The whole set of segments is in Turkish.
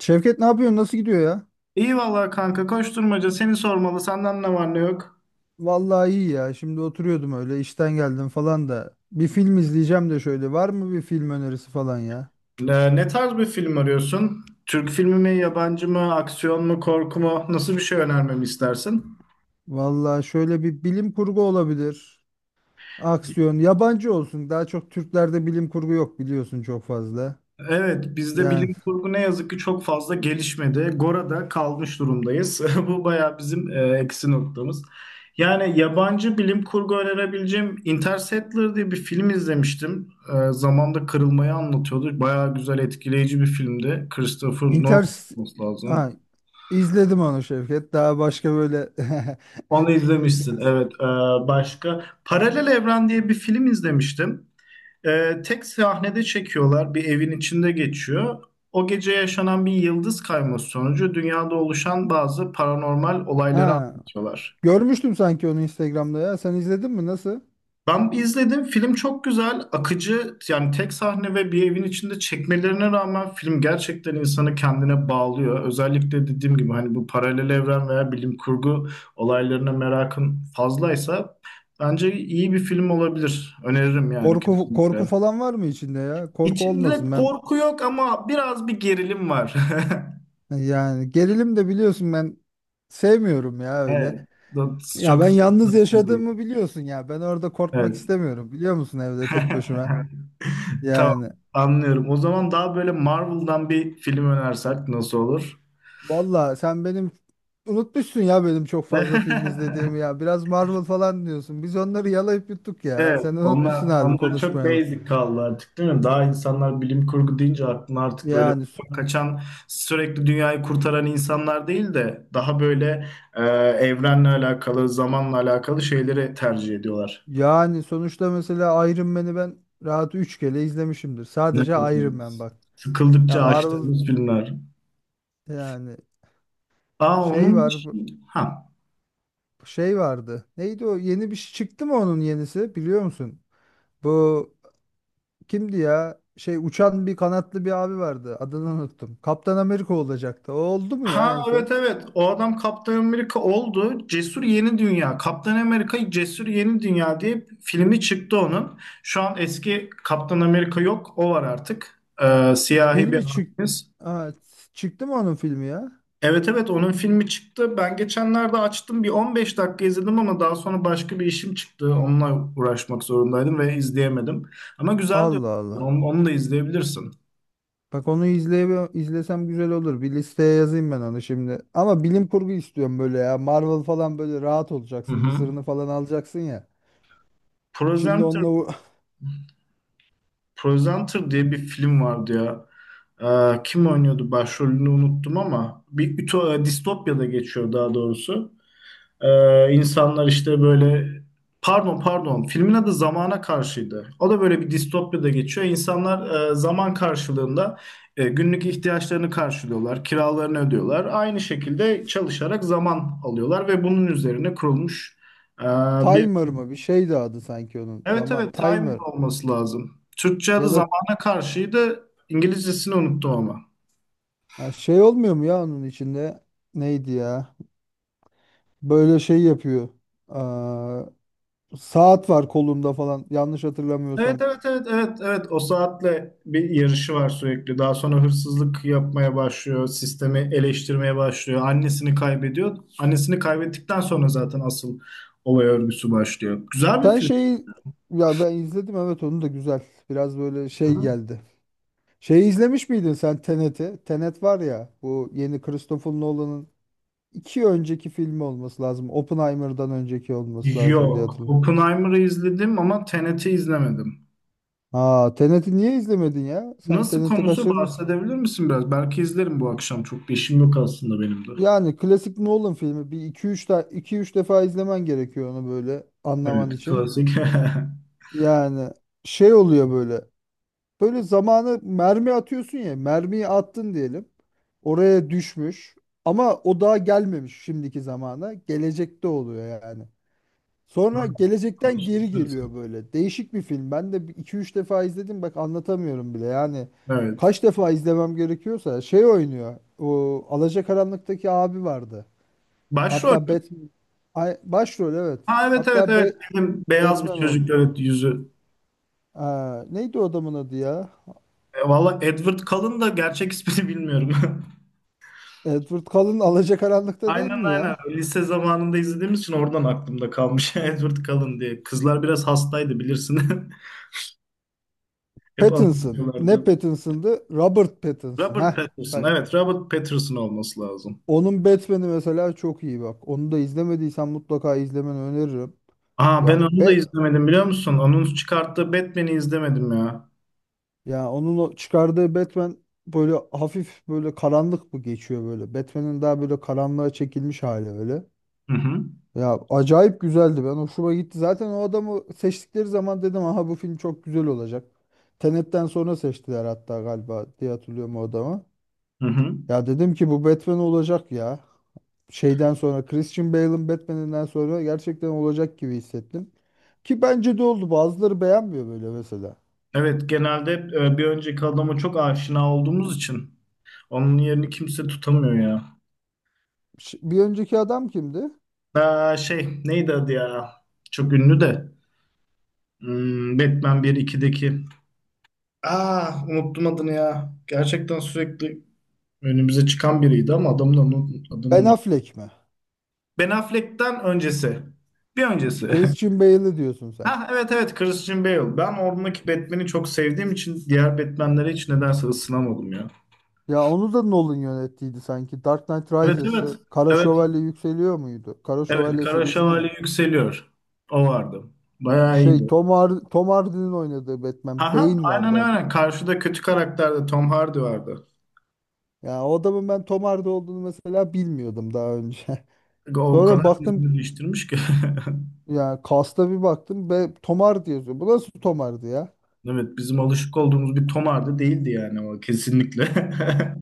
Şevket, ne yapıyorsun? Nasıl gidiyor ya? İyi vallahi kanka koşturmaca seni sormalı senden ne var ne yok. Vallahi iyi ya. Şimdi oturuyordum öyle, işten geldim falan da. Bir film izleyeceğim de şöyle. Var mı bir film önerisi falan ya? Ne tarz bir film arıyorsun? Türk filmi mi, Şu- yabancı mı, aksiyon mu, korku mu? Nasıl bir şey önermemi istersin? Vallahi şöyle bir bilim kurgu olabilir. Aksiyon. Yabancı olsun. Daha çok Türklerde bilim kurgu yok biliyorsun, çok fazla. Evet, bizde Yani bilim kurgu ne yazık ki çok fazla gelişmedi. Gora'da kalmış durumdayız. Bu bayağı bizim eksi noktamız. Yani yabancı bilim kurgu önerebileceğim Interstellar diye bir film izlemiştim. Zamanda kırılmayı anlatıyordu. Bayağı güzel, etkileyici bir filmdi. Christopher Nolan Inter... olması lazım. Ha, izledim onu Şevket. Daha başka böyle. Onu izlemişsin. Evet. Başka Paralel Evren diye bir film izlemiştim. Tek sahnede çekiyorlar. Bir evin içinde geçiyor. O gece yaşanan bir yıldız kayması sonucu dünyada oluşan bazı paranormal olayları Ha, anlatıyorlar. görmüştüm sanki onu Instagram'da ya. Sen izledin mi? Nasıl? Ben izledim. Film çok güzel, akıcı. Yani tek sahne ve bir evin içinde çekmelerine rağmen film gerçekten insanı kendine bağlıyor. Özellikle dediğim gibi hani bu paralel evren veya bilim kurgu olaylarına merakın fazlaysa bence iyi bir film olabilir. Öneririm yani Korku korku kesinlikle. falan var mı içinde ya? Korku İçinde olmasın. Korku yok ama biraz bir gerilim var. Yani gerilim de biliyorsun ben sevmiyorum ya öyle. Evet. Ya, Çok ben yalnız sevdim. yaşadığımı biliyorsun ya. Ben orada korkmak Evet. istemiyorum, biliyor musun, evde tek başıma. Tamam, Yani anlıyorum. O zaman daha böyle Marvel'dan bir film önersek nasıl olur? valla sen benim unutmuşsun ya, benim çok fazla film izlediğimi ya. Biraz Marvel falan diyorsun. Biz onları yalayıp yuttuk ya. Evet, Sen unutmuşsun onlar harbi onlar çok konuşmayalı. basic kaldı artık değil mi? Daha insanlar bilim kurgu deyince aklına artık böyle Yani so- kaçan, sürekli dünyayı kurtaran insanlar değil de daha böyle e, evrenle alakalı, zamanla alakalı şeyleri tercih ediyorlar. yani sonuçta mesela Iron Man'i ben rahat 3 kere izlemişimdir. Evet, Sadece evet. Iron Man bak. Ya Sıkıldıkça Marvel açtığımız filmler. yani, Aa şey onun var. için... Ha. Şey vardı. Neydi o? Yeni bir şey çıktı mı, onun yenisi? Biliyor musun? Bu kimdi ya? Şey, uçan bir kanatlı bir abi vardı. Adını unuttum. Kaptan Amerika olacaktı. O oldu mu ya Ha, en evet, son? evet, o adam Kaptan Amerika oldu. Cesur Yeni Dünya. Kaptan Amerika Cesur Yeni Dünya diye filmi çıktı onun. Şu an eski Kaptan Amerika yok, o var artık. Siyahi bir Filmi çık abimiz. Aa, çıktı mı onun filmi ya? Evet, evet, onun filmi çıktı. Ben geçenlerde açtım, bir 15 dakika izledim ama daha sonra başka bir işim çıktı. Onunla uğraşmak zorundaydım ve izleyemedim. Ama güzel diyor. Allah Allah. Onu da izleyebilirsin. Bak, onu izleye izlesem güzel olur. Bir listeye yazayım ben onu şimdi. Ama bilim kurgu istiyorum böyle ya. Marvel falan böyle rahat olacaksın. Hı Mısırını falan alacaksın ya. hı. Şimdi onunla u- Presenter diye bir film vardı ya. Kim oynuyordu başrolünü unuttum ama bir ütopya, distopya'da geçiyor daha doğrusu. İnsanlar işte böyle pardon, pardon, filmin adı Zamana Karşıydı. O da böyle bir distopya'da geçiyor. İnsanlar zaman karşılığında günlük ihtiyaçlarını karşılıyorlar, kiralarını ödüyorlar. Aynı şekilde çalışarak zaman alıyorlar ve bunun üzerine kurulmuş e, bir... Timer mı? Bir şeydi adı sanki onun. Evet, Zaman evet, Timer Timer. olması lazım. Türkçe adı Ya da zamana karşıydı. İngilizcesini unuttum ama. Ya, şey olmuyor mu ya onun içinde? Neydi ya? Böyle şey yapıyor. Aa, saat var kolunda falan. Yanlış Evet, hatırlamıyorsam. evet, evet, evet, evet, o saatle bir yarışı var sürekli. Daha sonra hırsızlık yapmaya başlıyor, sistemi eleştirmeye başlıyor. Annesini kaybediyor. Annesini kaybettikten sonra zaten asıl olay örgüsü başlıyor. Güzel bir Sen film. şeyi Ya ben izledim, evet, onu da güzel. Biraz böyle şey geldi. Şeyi izlemiş miydin sen, Tenet'i? Tenet var ya, bu yeni Christopher Nolan'ın iki önceki filmi olması lazım. Oppenheimer'dan önceki olması lazım diye Yok. hatırlıyorum. Oppenheimer'ı izledim ama Tenet'i izlemedim. Aa, Tenet'i niye izlemedin ya? Sen Nasıl, Tenet'i konusu kaçırmışsın. bahsedebilir misin biraz? Belki izlerim bu akşam. Çok bir işim yok aslında benim de. Yani klasik Nolan filmi, bir iki üç de iki üç defa izlemen gerekiyor onu böyle anlaman Evet, için. klasik. Yani şey oluyor böyle. Böyle zamanı mermi atıyorsun ya. Mermiyi attın diyelim. Oraya düşmüş. Ama o daha gelmemiş şimdiki zamana. Gelecekte oluyor yani. Sonra gelecekten geri Konuşuyorsun. geliyor böyle. Değişik bir film. Ben de iki üç defa izledim. Bak, anlatamıyorum bile. Yani Evet. kaç defa izlemem gerekiyorsa şey oynuyor. O Alacakaranlık'taki abi vardı. Başrol Hatta mü? Batman Ay, başrol, evet. Ha, evet, evet, Hatta evet. Benim beyaz bir Batman çocuk, oldu. evet, yüzü. Aa, neydi o adamın adı ya? Valla Edward Cullen da gerçek ismini bilmiyorum. Edward Cullen Alacakaranlık'ta değil Aynen, mi aynen. ya? Lise zamanında izlediğimiz için oradan aklımda kalmış Edward Cullen diye. Kızlar biraz hastaydı bilirsin. Hep Pattinson. Ne anlatıyorlardı. Pattinson'dı? Robert Pattinson. Robert Heh, Pattinson. bak. Evet, Robert Pattinson olması lazım. Onun Batman'i mesela çok iyi, bak. Onu da izlemediysen mutlaka izlemeni öneririm. Aa, Ya ben onu da be izlemedim biliyor musun? Onun çıkarttığı Batman'i izlemedim ya. Ya, onun o çıkardığı Batman böyle hafif böyle karanlık mı geçiyor böyle. Batman'in daha böyle karanlığa çekilmiş hali öyle. Hı hı. Ya, acayip güzeldi. Ben hoşuma gitti. Zaten o adamı seçtikleri zaman dedim, aha, bu film çok güzel olacak. Tenet'ten sonra seçtiler hatta galiba diye hatırlıyorum o adamı. Hı hı. Ya dedim ki bu Batman olacak ya. Şeyden sonra, Christian Bale'ın Batman'inden sonra gerçekten olacak gibi hissettim. Ki bence de oldu. Bazıları beğenmiyor böyle mesela. Evet, genelde hep, bir önceki adama çok aşina olduğumuz için onun yerini kimse tutamıyor ya. Bir önceki adam kimdi? Aa, şey, neydi adı ya? Çok ünlü de. Batman 1-2'deki. Aa, unuttum adını ya. Gerçekten sürekli önümüze çıkan biriydi ama adamın adını Ben unuttum. Affleck mi? Ben Affleck'ten öncesi. Bir öncesi. Christian Bale'ı diyorsun sen. Ha, evet, evet, Christian Bale. Ben oradaki Batman'i çok sevdiğim için diğer Batman'lere hiç nedense ısınamadım ya. Ya onu da Nolan yönettiydi sanki. Dark Knight Evet, evet. Rises'ı. Kara Evet, Şövalye Yükseliyor muydu? Kara evet, Şövalye Kara serisini mi? Şövalye yükseliyor. O vardı. Bayağı iyiydi. Tom Hardy'nin oynadığı Batman. Aha, Bane aynen, vardı adı. aynen. Karşıda kötü karakterde Tom Hardy vardı. Ya o adamın ben Tom Hardy olduğunu mesela bilmiyordum daha önce. O Sonra kadar baktım, yüzünü değiştirmiş ki. ya cast'a bir baktım ve Tom Hardy yazıyor. Bu nasıl Tom Hardy ya? Evet, bizim alışık olduğumuz bir Tom Hardy değildi yani, o kesinlikle.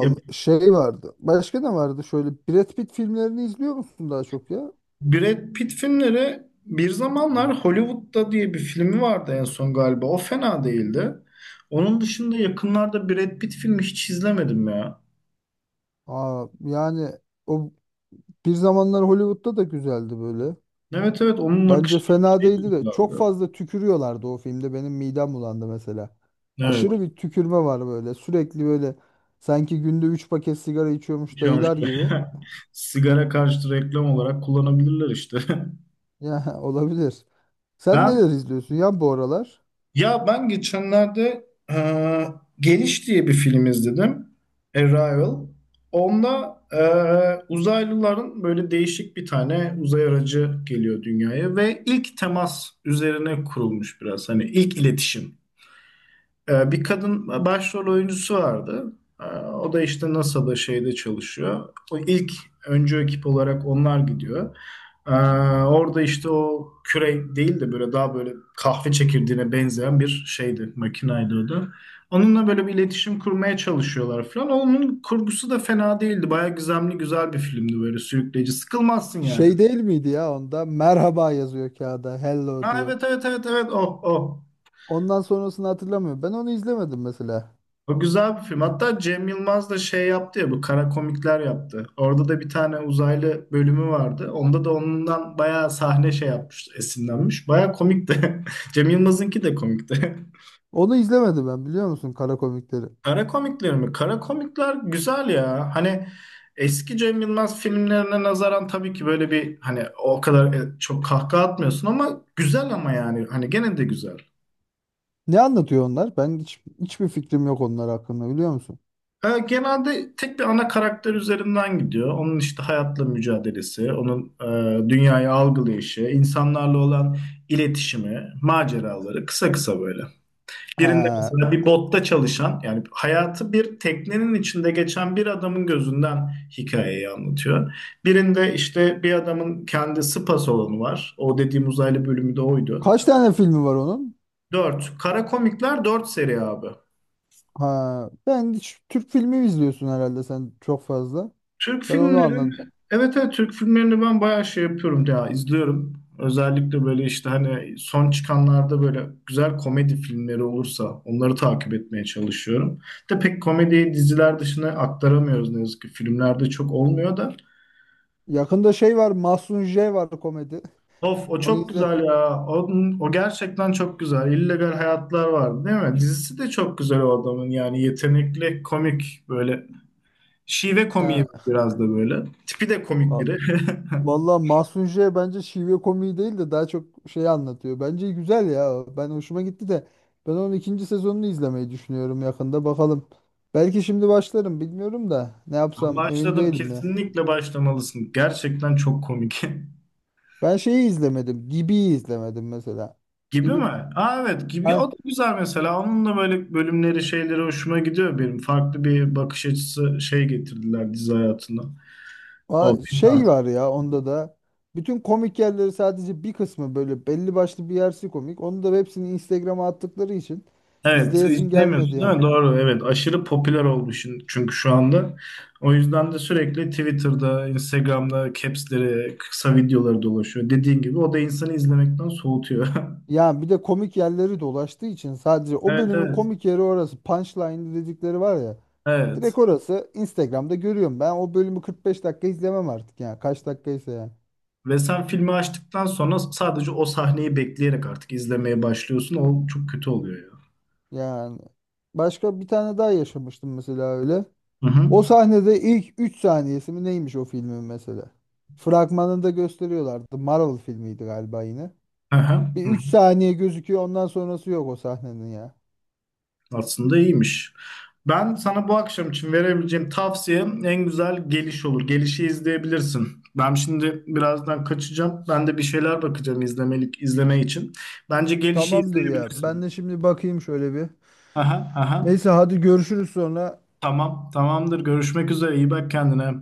Ya, şey vardı. Başka ne vardı? Şöyle Brad Pitt filmlerini izliyor musun daha çok ya? Brad Pitt filmleri bir zamanlar Hollywood'da diye bir filmi vardı en son galiba. O fena değildi. Onun dışında yakınlarda Brad Pitt filmi hiç izlemedim ya. Aa, yani o Bir Zamanlar Hollywood'da da güzeldi böyle. Evet, evet, onun Bence akışı fena şeydi, değildi de güzeldi. çok fazla tükürüyorlardı o filmde. Benim midem bulandı mesela. Evet. Aşırı bir tükürme var böyle. Sürekli böyle, sanki günde 3 paket sigara Bir içiyormuş şey olmuş. dayılar gibi. Sigara karşıtı reklam olarak kullanabilirler işte. Ya, olabilir. Sen Ben neler izliyorsun ya bu aralar? ya ben geçenlerde e, Geliş diye bir film izledim. Arrival. Onda uzaylıların böyle değişik bir tane uzay aracı geliyor dünyaya ve ilk temas üzerine kurulmuş biraz. Hani ilk iletişim. Bir kadın başrol oyuncusu vardı. O da işte NASA'da şeyde çalışıyor. O ilk öncü ekip olarak onlar gidiyor. Ee, Orada işte o küre değil de böyle daha böyle kahve çekirdeğine benzeyen bir şeydi, makinaydı o da. Onunla böyle bir iletişim kurmaya çalışıyorlar falan. Onun kurgusu da fena değildi. Bayağı gizemli, güzel bir filmdi böyle, sürükleyici. Sıkılmazsın yani. Şey değil miydi ya onda? Merhaba yazıyor kağıda. Hello Ha, diyor. evet, evet, evet, evet, oh, oh. Ondan sonrasını hatırlamıyorum. Ben onu izlemedim mesela. O güzel bir film. Hatta Cem Yılmaz da şey yaptı ya, bu kara komikler yaptı. Orada da bir tane uzaylı bölümü vardı. Onda da ondan bayağı sahne şey yapmış, esinlenmiş. Bayağı komikti. Cem Yılmaz'ınki de komikti. Onu izlemedim ben, biliyor musun, kara komikleri. Kara komikler mi? Kara komikler güzel ya. Hani eski Cem Yılmaz filmlerine nazaran tabii ki böyle bir, hani o kadar çok kahkaha atmıyorsun ama güzel, ama yani hani gene de güzel. Ne anlatıyor onlar? Ben hiç, hiçbir fikrim yok onlar hakkında biliyor musun? Genelde tek bir ana karakter üzerinden gidiyor. Onun işte hayatla mücadelesi, onun dünyayı algılayışı, insanlarla olan iletişimi, maceraları kısa kısa böyle. Birinde Ha, mesela bir botta çalışan, yani hayatı bir teknenin içinde geçen bir adamın gözünden hikayeyi anlatıyor. Birinde işte bir adamın kendi spa salonu var. O dediğim uzaylı bölümü de oydu. kaç tane filmi var onun? Dört. Kara Komikler dört seri abi. Ha, ben hiç. Türk filmi izliyorsun herhalde sen çok fazla. Türk Ben onu filmleri, anladım. evet, evet, Türk filmlerini ben bayağı şey yapıyorum ya, izliyorum. Özellikle böyle işte hani son çıkanlarda böyle güzel komedi filmleri olursa onları takip etmeye çalışıyorum. De pek komediyi diziler dışına aktaramıyoruz ne yazık ki. Filmlerde çok olmuyor da. Yakında şey var, Mahsun J var, komedi. Of, o Onu çok izle. güzel ya. O gerçekten çok güzel. İllegal Hayatlar vardı değil mi? Dizisi de çok güzel o adamın, yani yetenekli komik böyle. Şive komiği Ya biraz da böyle. Tipi de komik va- biri. Vallahi Mahsun J bence şive komiği değil de daha çok şey anlatıyor. Bence güzel ya, o. Ben hoşuma gitti de ben onun ikinci sezonunu izlemeyi düşünüyorum yakında. Bakalım. Belki şimdi başlarım, bilmiyorum da ne Ben yapsam emin başladım. değilim ya. Kesinlikle başlamalısın. Gerçekten çok komik. Ben şeyi izlemedim. Gibi'yi izlemedim mesela. Gibi mi? Gibi. Aa, evet, gibi. O da güzel mesela. Onun da böyle bölümleri, şeyleri hoşuma gidiyor benim. Farklı bir bakış açısı şey getirdiler dizi hayatına. Aa, O şey biraz. var ya onda da bütün komik yerleri, sadece bir kısmı böyle belli başlı bir yersi komik. Onu da hepsini Instagram'a attıkları için Evet, izleyesim gelmedi izlemiyorsun değil ya. mi? Doğru, evet. Aşırı popüler oldu şimdi çünkü şu anda. O yüzden de sürekli Twitter'da, Instagram'da caps'leri, kısa videoları dolaşıyor. Dediğin gibi o da insanı izlemekten soğutuyor. Ya bir de komik yerleri dolaştığı için sadece o Evet, bölümün evet. komik yeri orası. Punchline dedikleri var ya. Evet. Direkt orası, Instagram'da görüyorum. Ben o bölümü 45 dakika izlemem artık ya. Kaç dakikaysa ya. Ve sen filmi açtıktan sonra sadece o sahneyi bekleyerek artık izlemeye başlıyorsun. O çok kötü oluyor ya. Yani başka bir tane daha yaşamıştım mesela öyle. Hı hı. O sahnede ilk 3 saniyesi mi neymiş o filmin mesela? Fragmanında gösteriyorlardı. Marvel filmiydi galiba yine. Hı hı. Bir Hı hı. 3 saniye gözüküyor, ondan sonrası yok o sahnenin ya. Aslında iyiymiş. Ben sana bu akşam için verebileceğim tavsiyem en güzel geliş olur. Gelişi izleyebilirsin. Ben şimdi birazdan kaçacağım. Ben de bir şeyler bakacağım izlemelik, izleme için. Bence gelişi Tamamdır ya. Ben de izleyebilirsin. şimdi bakayım şöyle bir. Aha, aha. Neyse hadi görüşürüz sonra. Tamam, tamamdır. Görüşmek üzere. İyi bak kendine.